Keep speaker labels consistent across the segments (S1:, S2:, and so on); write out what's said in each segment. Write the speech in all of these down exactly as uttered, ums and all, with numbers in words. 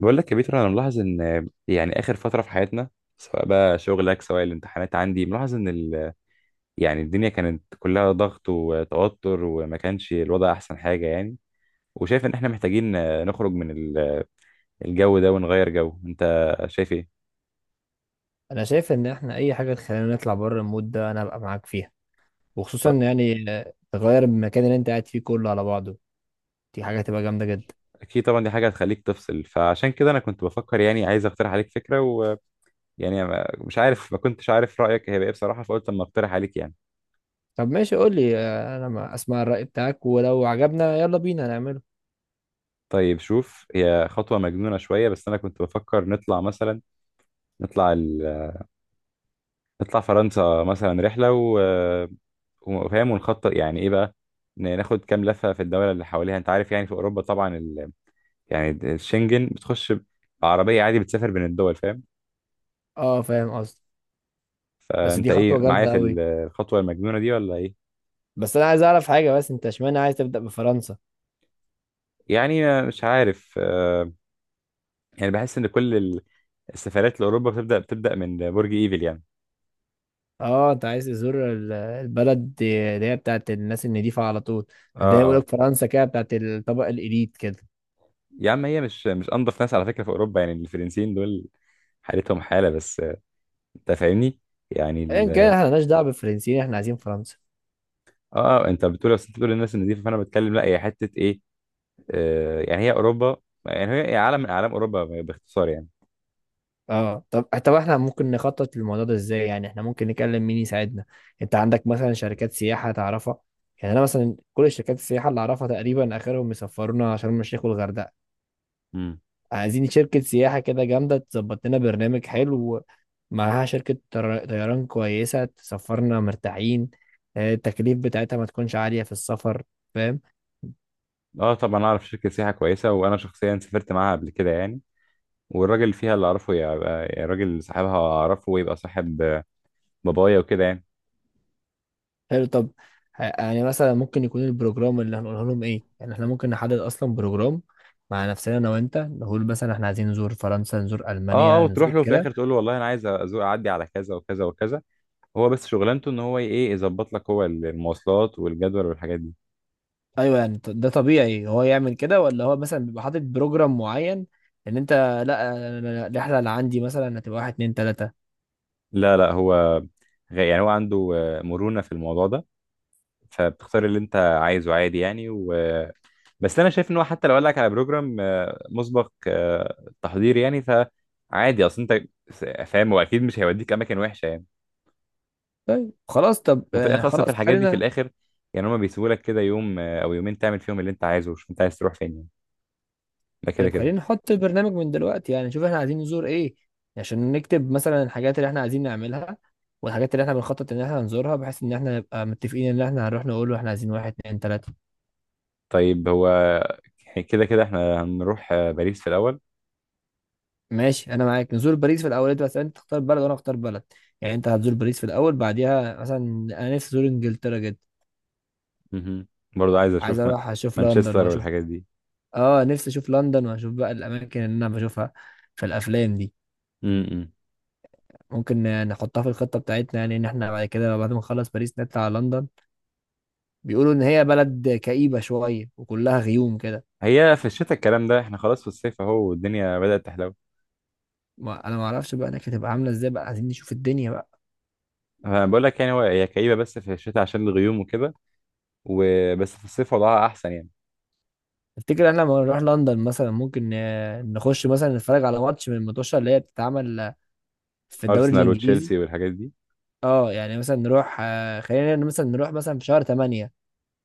S1: بقول لك يا بيتر، انا ملاحظ ان يعني اخر فتره في حياتنا سواء بقى شغلك سواء الامتحانات، عندي ملاحظ ان ال... يعني الدنيا كانت كلها ضغط وتوتر، وما كانش الوضع احسن حاجه يعني. وشايف ان احنا محتاجين نخرج من ال- الجو ده ونغير جو. انت شايف ايه؟
S2: انا شايف ان احنا اي حاجه تخلينا نطلع بره المود ده انا هبقى معاك فيها، وخصوصا يعني آه، تغير المكان اللي انت قاعد فيه كله على بعضه. دي حاجه هتبقى جامده جدا.
S1: اكيد طبعا، دي حاجه هتخليك تفصل، فعشان كده انا كنت بفكر يعني، عايز اقترح عليك فكره ويعني ما- مش عارف، ما كنتش عارف رايك هيبقى ايه بصراحه، فقلت اما اقترح عليك يعني.
S2: طب ماشي، قول لي آه، انا ما اسمع الراي بتاعك، ولو عجبنا يلا بينا نعمله.
S1: طيب شوف، هي خطوه مجنونه شويه بس انا كنت بفكر نطلع مثلا، نطلع نطلع فرنسا مثلا رحلة و... وفاهم، ونخطط يعني ايه بقى. ن- ناخد كام لفة في الدولة اللي حواليها، انت عارف يعني في اوروبا طبعا ال... يعني الشنجن بتخش بعربية عادي، بتسافر بين الدول، فاهم.
S2: اه، فاهم قصدي. بس
S1: فانت
S2: دي
S1: ايه
S2: خطوه
S1: معايا
S2: جامده
S1: في ال-
S2: قوي.
S1: الخطوة المجنونة دي ولا ايه؟
S2: بس انا عايز اعرف حاجه، بس انت اشمعنى عايز تبدا بفرنسا؟
S1: يعني مش عارف، آه، يعني بحس ان كل ال- السفرات لاوروبا بتبدأ بتبدأ من برج ايفل يعني.
S2: اه، انت عايز تزور ال- البلد دي- اللي هي بتاعت الناس النضيفه على طول. ده
S1: اه،
S2: يقول
S1: اه،
S2: لك فرنسا كده بتاعت الطبقه الاليت كده.
S1: يا عم هي مش مش انضف ناس على فكرة في اوروبا، يعني الفرنسيين دول حالتهم حالة، بس آه، انت فاهمني يعني.
S2: ان كان احنا مالناش دعوه بالفرنسيين، احنا عايزين فرنسا.
S1: اه، انت بتقول، بس انت بتقول الناس النظيفه، فانا بتكلم لا هي حته ايه، آه يعني هي اوروبا، يعني هي هي عالم من اعلام اوروبا باختصار يعني.
S2: اه، طب طب احنا ممكن نخطط للموضوع ده ازاي؟ يعني احنا ممكن نكلم مين يساعدنا؟ انت عندك مثلا شركات سياحة تعرفها؟ يعني انا مثلا كل شركات السياحة اللي اعرفها تقريبا اخرهم يسفرونا شرم الشيخ والغردقة.
S1: امم.
S2: عايزين شركة سياحة كده جامدة تظبط لنا برنامج حلو، معاها شركة طر- طيران كويسة تسفرنا مرتاحين. آه، التكليف بتاعتها ما تكونش عالية في السفر. فاهم؟
S1: اه طبعا، اعرف شركه سياحه كويسه وانا شخصيا سافرت معاها قبل كده يعني، والراجل اللي فيها اللي اعرفه يبقى يعني راجل، صاحبها اعرفه ويبقى صاحب آه، بابايا وكده يعني.
S2: حلو. طب، ه- يعني مثلا ممكن يكون البروجرام اللي هنقوله لهم ايه؟ يعني احنا ممكن نحدد اصلا بروجرام مع نفسنا انا وانت، نقول مثلا احنا عايزين نزور فرنسا، نزور
S1: اه، اه،
S2: المانيا،
S1: وتروح
S2: نزور
S1: له في
S2: كده.
S1: الاخر تقول له والله انا عايز ازور، اعدي على كذا وكذا وكذا، هو بس شغلانته ان هو ايه، يظبط لك هو المواصلات والجدول والحاجات دي.
S2: ايوه. يعني ط- ده طبيعي هو يعمل كده، ولا هو مثلا بيبقى حاطط بروجرام معين ان انت؟ لا أنا- أنا- الرحله اللي عندي مثلا هتبقى واحد اتنين تلاته.
S1: لا لا هو غ- يعني هو عنده آه، مرونه في الموضوع ده، فبتختار اللي انت عايزه عادي يعني و... بس انا شايف ان هو حتى لو قال لك على بروجرام آه، مسبق آه، تحضير يعني، فعادي، اصل انت س- فاهم هو اكيد مش هيوديك اماكن وحشه يعني.
S2: طيب خلاص. طب،
S1: وفي
S2: آه،
S1: الاخر اصلا في
S2: خلاص
S1: الحاجات دي في
S2: خلينا.
S1: الاخر يعني هما بيسيبوا لك كده يوم آه، او يومين تعمل فيهم اللي انت عايزه، وشوف انت عايز تروح فين يعني. ده كده
S2: طيب
S1: كده.
S2: خلينا نحط البرنامج من دلوقتي، يعني نشوف احنا عايزين نزور ايه، عشان نكتب مثلا الحاجات اللي احنا عايزين نعملها والحاجات اللي احنا بنخطط ان احنا نزورها، بحيث ان احنا نبقى متفقين ان احنا هنروح نقول له احنا عايزين واحد اتنين تلاتة.
S1: طيب هو كده كده احنا هنروح آه، باريس في الاول.
S2: ماشي انا معاك، نزور باريس في الاول. انت بس انت تختار بلد وانا اختار بلد. يعني انت هتزور باريس في الاول، بعديها مثلا انا نفسي ازور انجلترا جدا.
S1: مهم. برضه عايز
S2: عايز
S1: اشوف ما-
S2: اروح اشوف لندن
S1: مانشستر
S2: واشوف.
S1: والحاجات دي.
S2: اه، نفسي اشوف لندن واشوف بقى الاماكن اللي انا بشوفها في الافلام دي.
S1: م -م.
S2: ممكن نحطها في الخطة بتاعتنا، يعني ان احنا بعد كده بعد ما نخلص باريس نطلع على لندن. بيقولوا ان هي بلد كئيبه شويه وكلها غيوم كده.
S1: هي في الشتاء الكلام ده، احنا خلاص في الصيف اهو والدنيا بدأت تحلو.
S2: ما انا ما اعرفش بقى هناك هتبقى عامله ازاي، بقى عايزين نشوف الدنيا بقى.
S1: أنا بقول لك يعني، هو هي كئيبه بس في الشتاء عشان الغيوم وكده، وبس في الصيف وضعها احسن يعني.
S2: تفتكر احنا لما نروح لندن مثلا ممكن آه، نخش مثلا نتفرج على ماتش من الماتشات اللي هي بتتعمل آه، في الدوري
S1: ارسنال
S2: الانجليزي؟
S1: وتشيلسي والحاجات دي.
S2: اه. يعني مثلا نروح، آه، خلينا مثلا نروح مثلا في شهر تمانية.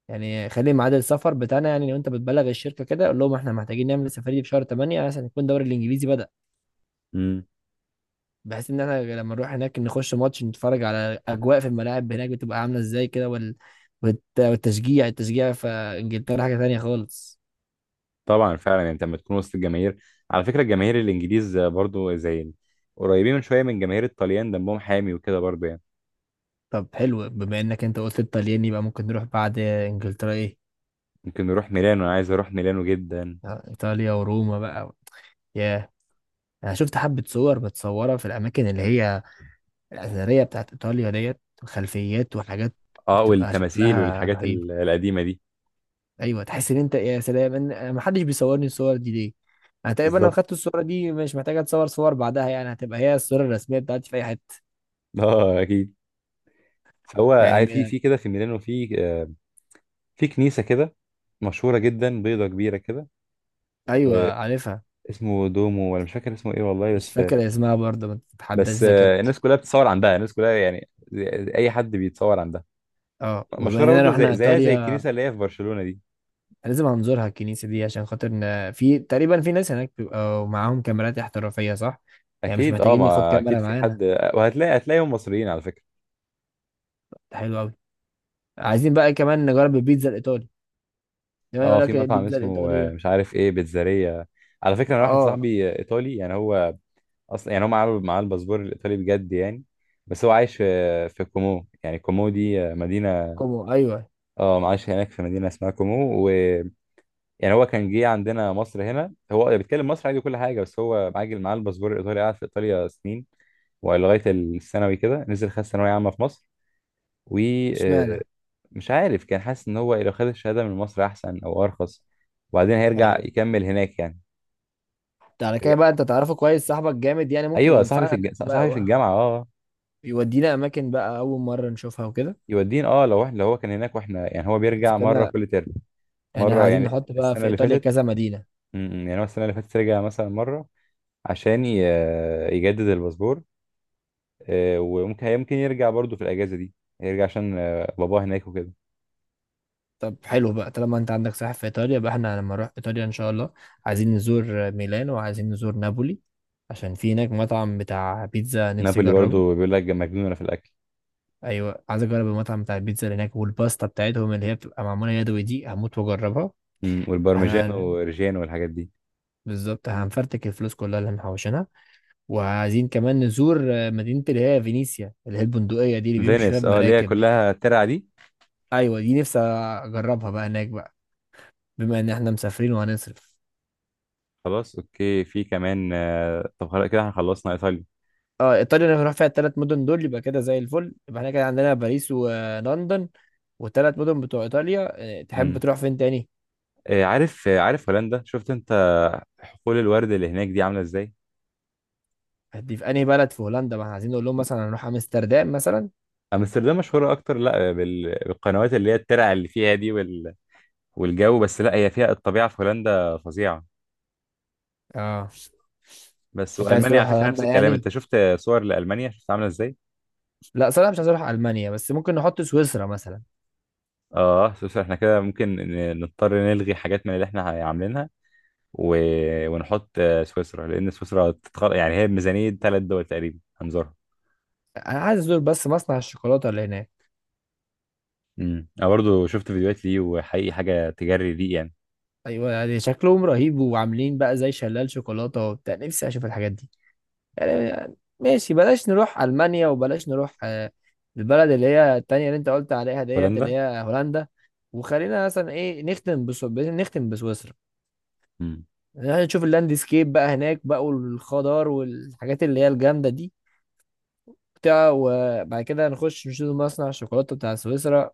S2: يعني خلي ميعاد السفر بتاعنا، يعني لو انت بتبلغ الشركه كده قول لهم احنا محتاجين نعمل السفريه دي في شهر تمانية، عشان يكون الدوري الانجليزي بدأ.
S1: امم.
S2: بحيث ان احنا لما نروح هناك نخش ماتش نتفرج على اجواء في الملاعب هناك بتبقى عامله ازاي كده، وال... والت... والتشجيع التشجيع في انجلترا حاجه تانية خالص.
S1: طبعا فعلا، يعني انت لما تكون وسط الجماهير، على فكره الجماهير الانجليز برضو زي ال- قريبين من شويه من جماهير الطليان، دمهم حامي وكده برضو يعني.
S2: طب حلو، بما انك انت قلت الطليان يبقى ممكن نروح بعد انجلترا ايه؟
S1: ممكن نروح ميلانو، انا عايز اروح ميلانو جدا.
S2: آه، ايطاليا وروما بقى. ياه. انا شفت حبه صور متصوره في الاماكن اللي هي الاثريه بتاعت ايطاليا ديت، وخلفيات وحاجات
S1: اه
S2: بتبقى
S1: والتماثيل
S2: شكلها
S1: والحاجات
S2: رهيب.
S1: ال- القديمه دي.
S2: ايوه، تحس ان انت يا سلام، ان ما حدش بيصورني الصور دي ليه. انا تقريبا لو
S1: بالظبط.
S2: خدت الصوره دي مش محتاجه اتصور صور بعدها، يعني هتبقى هي الصوره الرسميه بتاعتي في اي حته.
S1: اه اكيد. فهو
S2: يعني.
S1: عارف في
S2: م-
S1: في كده في ميلانو في آه، في كنيسه كده مشهوره جدا، بيضه كبيره كده، آه،
S2: ايوه، عارفها.
S1: اسمه دومو ولا مش فاكر اسمه ايه والله،
S2: مش
S1: بس
S2: فاكر اسمها برضه، ما تتحداش
S1: بس آه،
S2: ذاكرتي.
S1: الناس كلها بتتصور عندها، الناس كلها يعني زي- اي حد بيتصور عندها،
S2: اه، وبما
S1: مشهوره
S2: اننا
S1: برضه
S2: رحنا
S1: زي زيها زي
S2: ايطاليا
S1: الكنيسه اللي هي في برشلونه دي.
S2: لازم هنزورها الكنيسه دي، عشان خاطر إن في تقريبا في ناس هناك بيبقوا معاهم كاميرات احترافيه، صح؟ يعني مش
S1: اكيد اه،
S2: محتاجين ناخد
S1: ما اكيد
S2: كاميرا
S1: في
S2: معانا.
S1: حد، وهتلاقي هتلاقيهم مصريين على فكره.
S2: ده حلو قوي. عايزين بقى كمان نجرب البيتزا الايطالي، دايما يقول
S1: اه في
S2: لك
S1: مطعم
S2: البيتزا
S1: اسمه آه،
S2: الايطاليه.
S1: مش عارف ايه بيتزارية. على فكره انا واحد
S2: اه،
S1: صاحبي آه، ايطالي يعني، هو اصلا يعني هو معاه معاه الباسبور الايطالي بجد يعني، بس هو عايش في في كومو، يعني كومو دي آه، مدينه.
S2: كومو، ايوه.
S1: اه عايش هناك في مدينه اسمها كومو، و يعني هو كان جه عندنا مصر هنا، هو بيتكلم مصر عادي كل حاجه، بس هو عاجل معاه الباسبور الايطالي، قعد في ايطاليا سنين ولغايه الثانوي كده نزل خد ثانويه عامه في مصر.
S2: اشمعنى؟
S1: ومش عارف كان حاسس ان هو لو خد الشهاده من مصر احسن او ارخص، وبعدين هيرجع
S2: ايوه.
S1: يكمل هناك يعني.
S2: ده على كده
S1: يرجع-
S2: بقى انت تعرفه كويس، صاحبك جامد يعني، ممكن
S1: ايوه صاحبي في
S2: ينفعنا
S1: الج...
S2: هناك بقى
S1: صاحبي في
S2: و-
S1: الجامعه، اه.
S2: يودينا اماكن بقى اول مره نشوفها وكده.
S1: يودين اه، لو احنا لو هو كان هناك واحنا، يعني هو
S2: اذا
S1: بيرجع مره
S2: كده،
S1: كل ترم،
S2: يعني
S1: مره
S2: عايزين
S1: يعني
S2: نحط بقى
S1: السنه
S2: في
S1: اللي
S2: ايطاليا
S1: فاتت.
S2: كذا مدينه.
S1: م- م، يعني هو السنه اللي فاتت رجع مثلا مره عشان ي... يجدد الباسبور، آه، وممكن يمكن يرجع برضو في الاجازه دي، يرجع عشان آه، باباه هناك وكده.
S2: طب حلو بقى، طالما انت عندك ساحل في ايطاليا بقى، احنا لما نروح ايطاليا ان شاء الله عايزين نزور ميلان وعايزين نزور نابولي، عشان في هناك مطعم بتاع بيتزا نفسي
S1: نابولي
S2: اجربه.
S1: برضو بيقول لك مجنونه في الاكل.
S2: ايوه، عايز اجرب المطعم بتاع البيتزا اللي هناك والباستا بتاعتهم اللي هي بتبقى معموله يدوي دي، هموت واجربها.
S1: مم، والبارميجان
S2: احنا
S1: وريجيان والحاجات دي.
S2: بالظبط هنفرتك الفلوس كلها اللي محوشينها. وعايزين كمان نزور آه، مدينة اللي هي فينيسيا اللي هي البندقية دي اللي بيمشي فيها
S1: فينيس، اه اللي هي
S2: بمراكب دي.
S1: كلها ترع دي.
S2: أيوة، دي نفسي أجربها بقى هناك بقى، بما إن إحنا مسافرين وهنصرف.
S1: خلاص اوكي، في كمان آه، طب خلاص كده احنا خلصنا ايطاليا.
S2: اه، ايطاليا اللي هنروح فيها التلات مدن دول يبقى كده زي الفل، يبقى احنا كده عندنا باريس ولندن والتلات مدن بتوع ايطاليا. آه، تحب
S1: مم.
S2: تروح فين تاني؟
S1: آه، عارف آه، عارف هولندا، شفت انت حقول الورد اللي هناك دي عامله ازاي؟
S2: هدي في انهي بلد في هولندا؟ ما احنا عايزين نقول لهم مثلا هنروح امستردام مثلا.
S1: امستردام مشهوره اكتر لا بال- بالقنوات اللي هي الترع اللي فيها دي وال... والجو، بس لا هي فيها الطبيعه في هولندا فظيعه،
S2: اه.
S1: بس
S2: انت عايز
S1: والمانيا
S2: تروح
S1: على فكره نفس
S2: هولندا
S1: الكلام، انت
S2: يعني؟
S1: شفت صور لالمانيا شفت عامله ازاي.
S2: لا، صراحة مش عايز اروح المانيا، بس ممكن نحط سويسرا مثلا.
S1: اه بس احنا كده ممكن ن- نضطر نلغي حاجات من اللي احنا عاملينها و... ونحط آه، سويسرا، لان سويسرا تتخ... يعني هي بميزانية ثلاث دول تقريبا هنزورها.
S2: انا عايز ازور بس مصنع الشوكولاتة اللي هناك.
S1: امم، انا برضو شفت فيديوهات ليه، وحقيقي حاجة تجري ليه يعني.
S2: ايوه، يعني شكلهم رهيب، وعاملين بقى زي شلال شوكولاته وبتاع، نفسي اشوف الحاجات دي. يعني يعني ماشي، بلاش نروح المانيا وبلاش نروح آه، البلد اللي هي التانية اللي انت قلت عليها ديت اللي
S1: هولندا.
S2: هي هولندا. وخلينا مثلا ايه، نختم بسو... نختم بسويسرا.
S1: امم.
S2: يعني نشوف اللاندسكيب بقى هناك بقى، والخضار والحاجات اللي هي الجامده دي بتاع، وبعد كده نخش نشوف مصنع الشوكولاته بتاع سويسرا،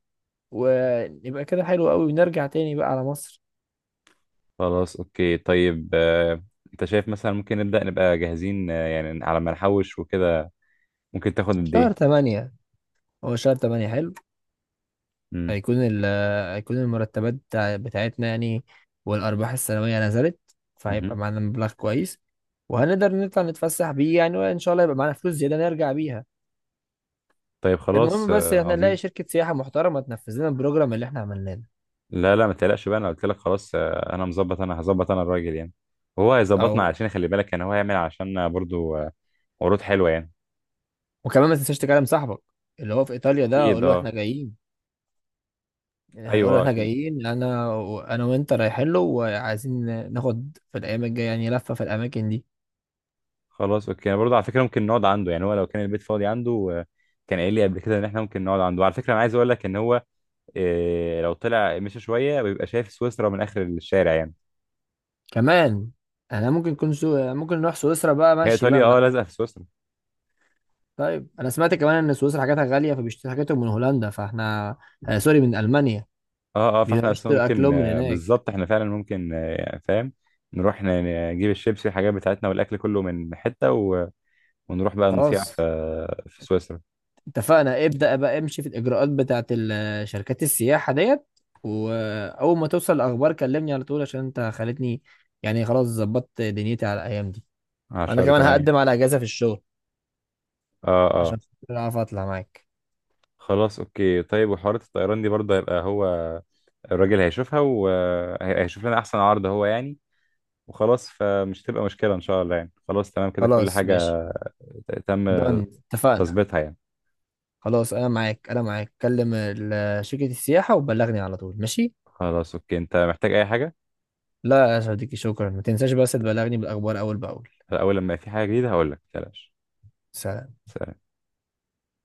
S2: ونبقى كده حلو قوي ونرجع تاني بقى على مصر.
S1: خلاص اوكي طيب، آه، انت شايف مثلا ممكن نبدأ نبقى جاهزين، آه، يعني على ما نحوش وكده، ممكن تاخد قد
S2: شهر
S1: ايه؟
S2: تمانية. هو شهر تمانية حلو.
S1: امم.
S2: هيكون ال هيكون المرتبات بتاع- بتاعتنا يعني. والأرباح السنوية نزلت.
S1: مهم.
S2: فهيبقى معانا مبلغ كويس. وهنقدر نطلع نتفسح بيه يعني، وإن شاء الله يبقى معانا فلوس زيادة نرجع بيها.
S1: طيب خلاص،
S2: المهم بس
S1: آه،
S2: احنا نلاقي
S1: عظيم.
S2: شركة سياحة محترمة تنفذ لنا البروجرام اللي احنا عملناه ده.
S1: لا لا، ما تقلقش بقى، انا قلت لك خلاص آه، انا مظبط انا هظبط انا الراجل يعني، وهو هيظبطنا.
S2: أو.
S1: علشان خلي بالك، يعني هو هيعمل عشان برضو آه، عروض حلوه يعني.
S2: وكمان ما تنساش تكلم صاحبك اللي هو في إيطاليا ده،
S1: اكيد
S2: أقول له احنا
S1: اه.
S2: جايين. هقول له
S1: ايوه آه،
S2: احنا
S1: اكيد.
S2: جايين أنا وأنا وأنت رايحين له، وعايزين ناخد في الأيام الجاية يعني لفة في الأماكن دي.
S1: خلاص اوكي، انا برضو على فكره ممكن نقعد عنده، يعني هو لو كان البيت فاضي عنده آه، كان قايل لي قبل كده ان احنا ممكن نقعد عنده. على فكره انا عايز اقول لك ان هو آه، لو طلع مشى شويه بيبقى شايف سويسرا من اخر الشارع يعني.
S2: كمان احنا ممكن نكون سو... ممكن نروح سويسرا بقى
S1: هي
S2: ماشي بقى
S1: ايطاليا
S2: من.
S1: اه لازقه في سويسرا.
S2: طيب انا سمعت كمان ان سويسرا حاجاتها غاليه، فبيشتري حاجاتهم من هولندا، فاحنا، آه سوري، من المانيا.
S1: اه اه، فاحنا اصلا
S2: بيشتروا
S1: ممكن
S2: اكلهم من
S1: آه،
S2: هناك.
S1: بالظبط، احنا فعلا ممكن آه، فاهم، نروح ن- نجيب الشيبسي والحاجات بتاعتنا والاكل كله من حته، ونروح بقى نسيع في
S2: خلاص
S1: في سويسرا.
S2: اتفقنا. ابدا بقى، امشي في الاجراءات بتاعت ال- آه، شركات السياحه ديت. واول ما توصل الاخبار كلمني على طول، عشان انت خلتني يعني خلاص ظبطت دنيتي على الايام دي.
S1: على
S2: انا
S1: شهر
S2: كمان
S1: تمانية.
S2: هقدم على اجازه في الشغل
S1: اه اه.
S2: عشان خاطر اعرف اطلع معاك.
S1: خلاص اوكي طيب، وحوارات الطيران دي برضه هيبقى هو الراجل هيشوفها، وهيشوف لنا احسن عرض هو يعني، وخلاص فمش تبقى مشكلة ان شاء الله يعني. خلاص تمام كده كل
S2: خلاص ماشي.
S1: حاجة ت- تم
S2: دن. اتفقنا.
S1: تظبيطها يعني.
S2: خلاص انا معاك انا معاك، كلم ال- آه، شركه السياحه وبلغني على طول، ماشي.
S1: خلاص اوكي، انت محتاج اي حاجة؟
S2: لا يا صديقي، شكرا. ما تنساش بس تبلغني بالأخبار أول بأول.
S1: اول لما في حاجة جديدة هقول لك، متقلقش.
S2: سلام.
S1: سلام.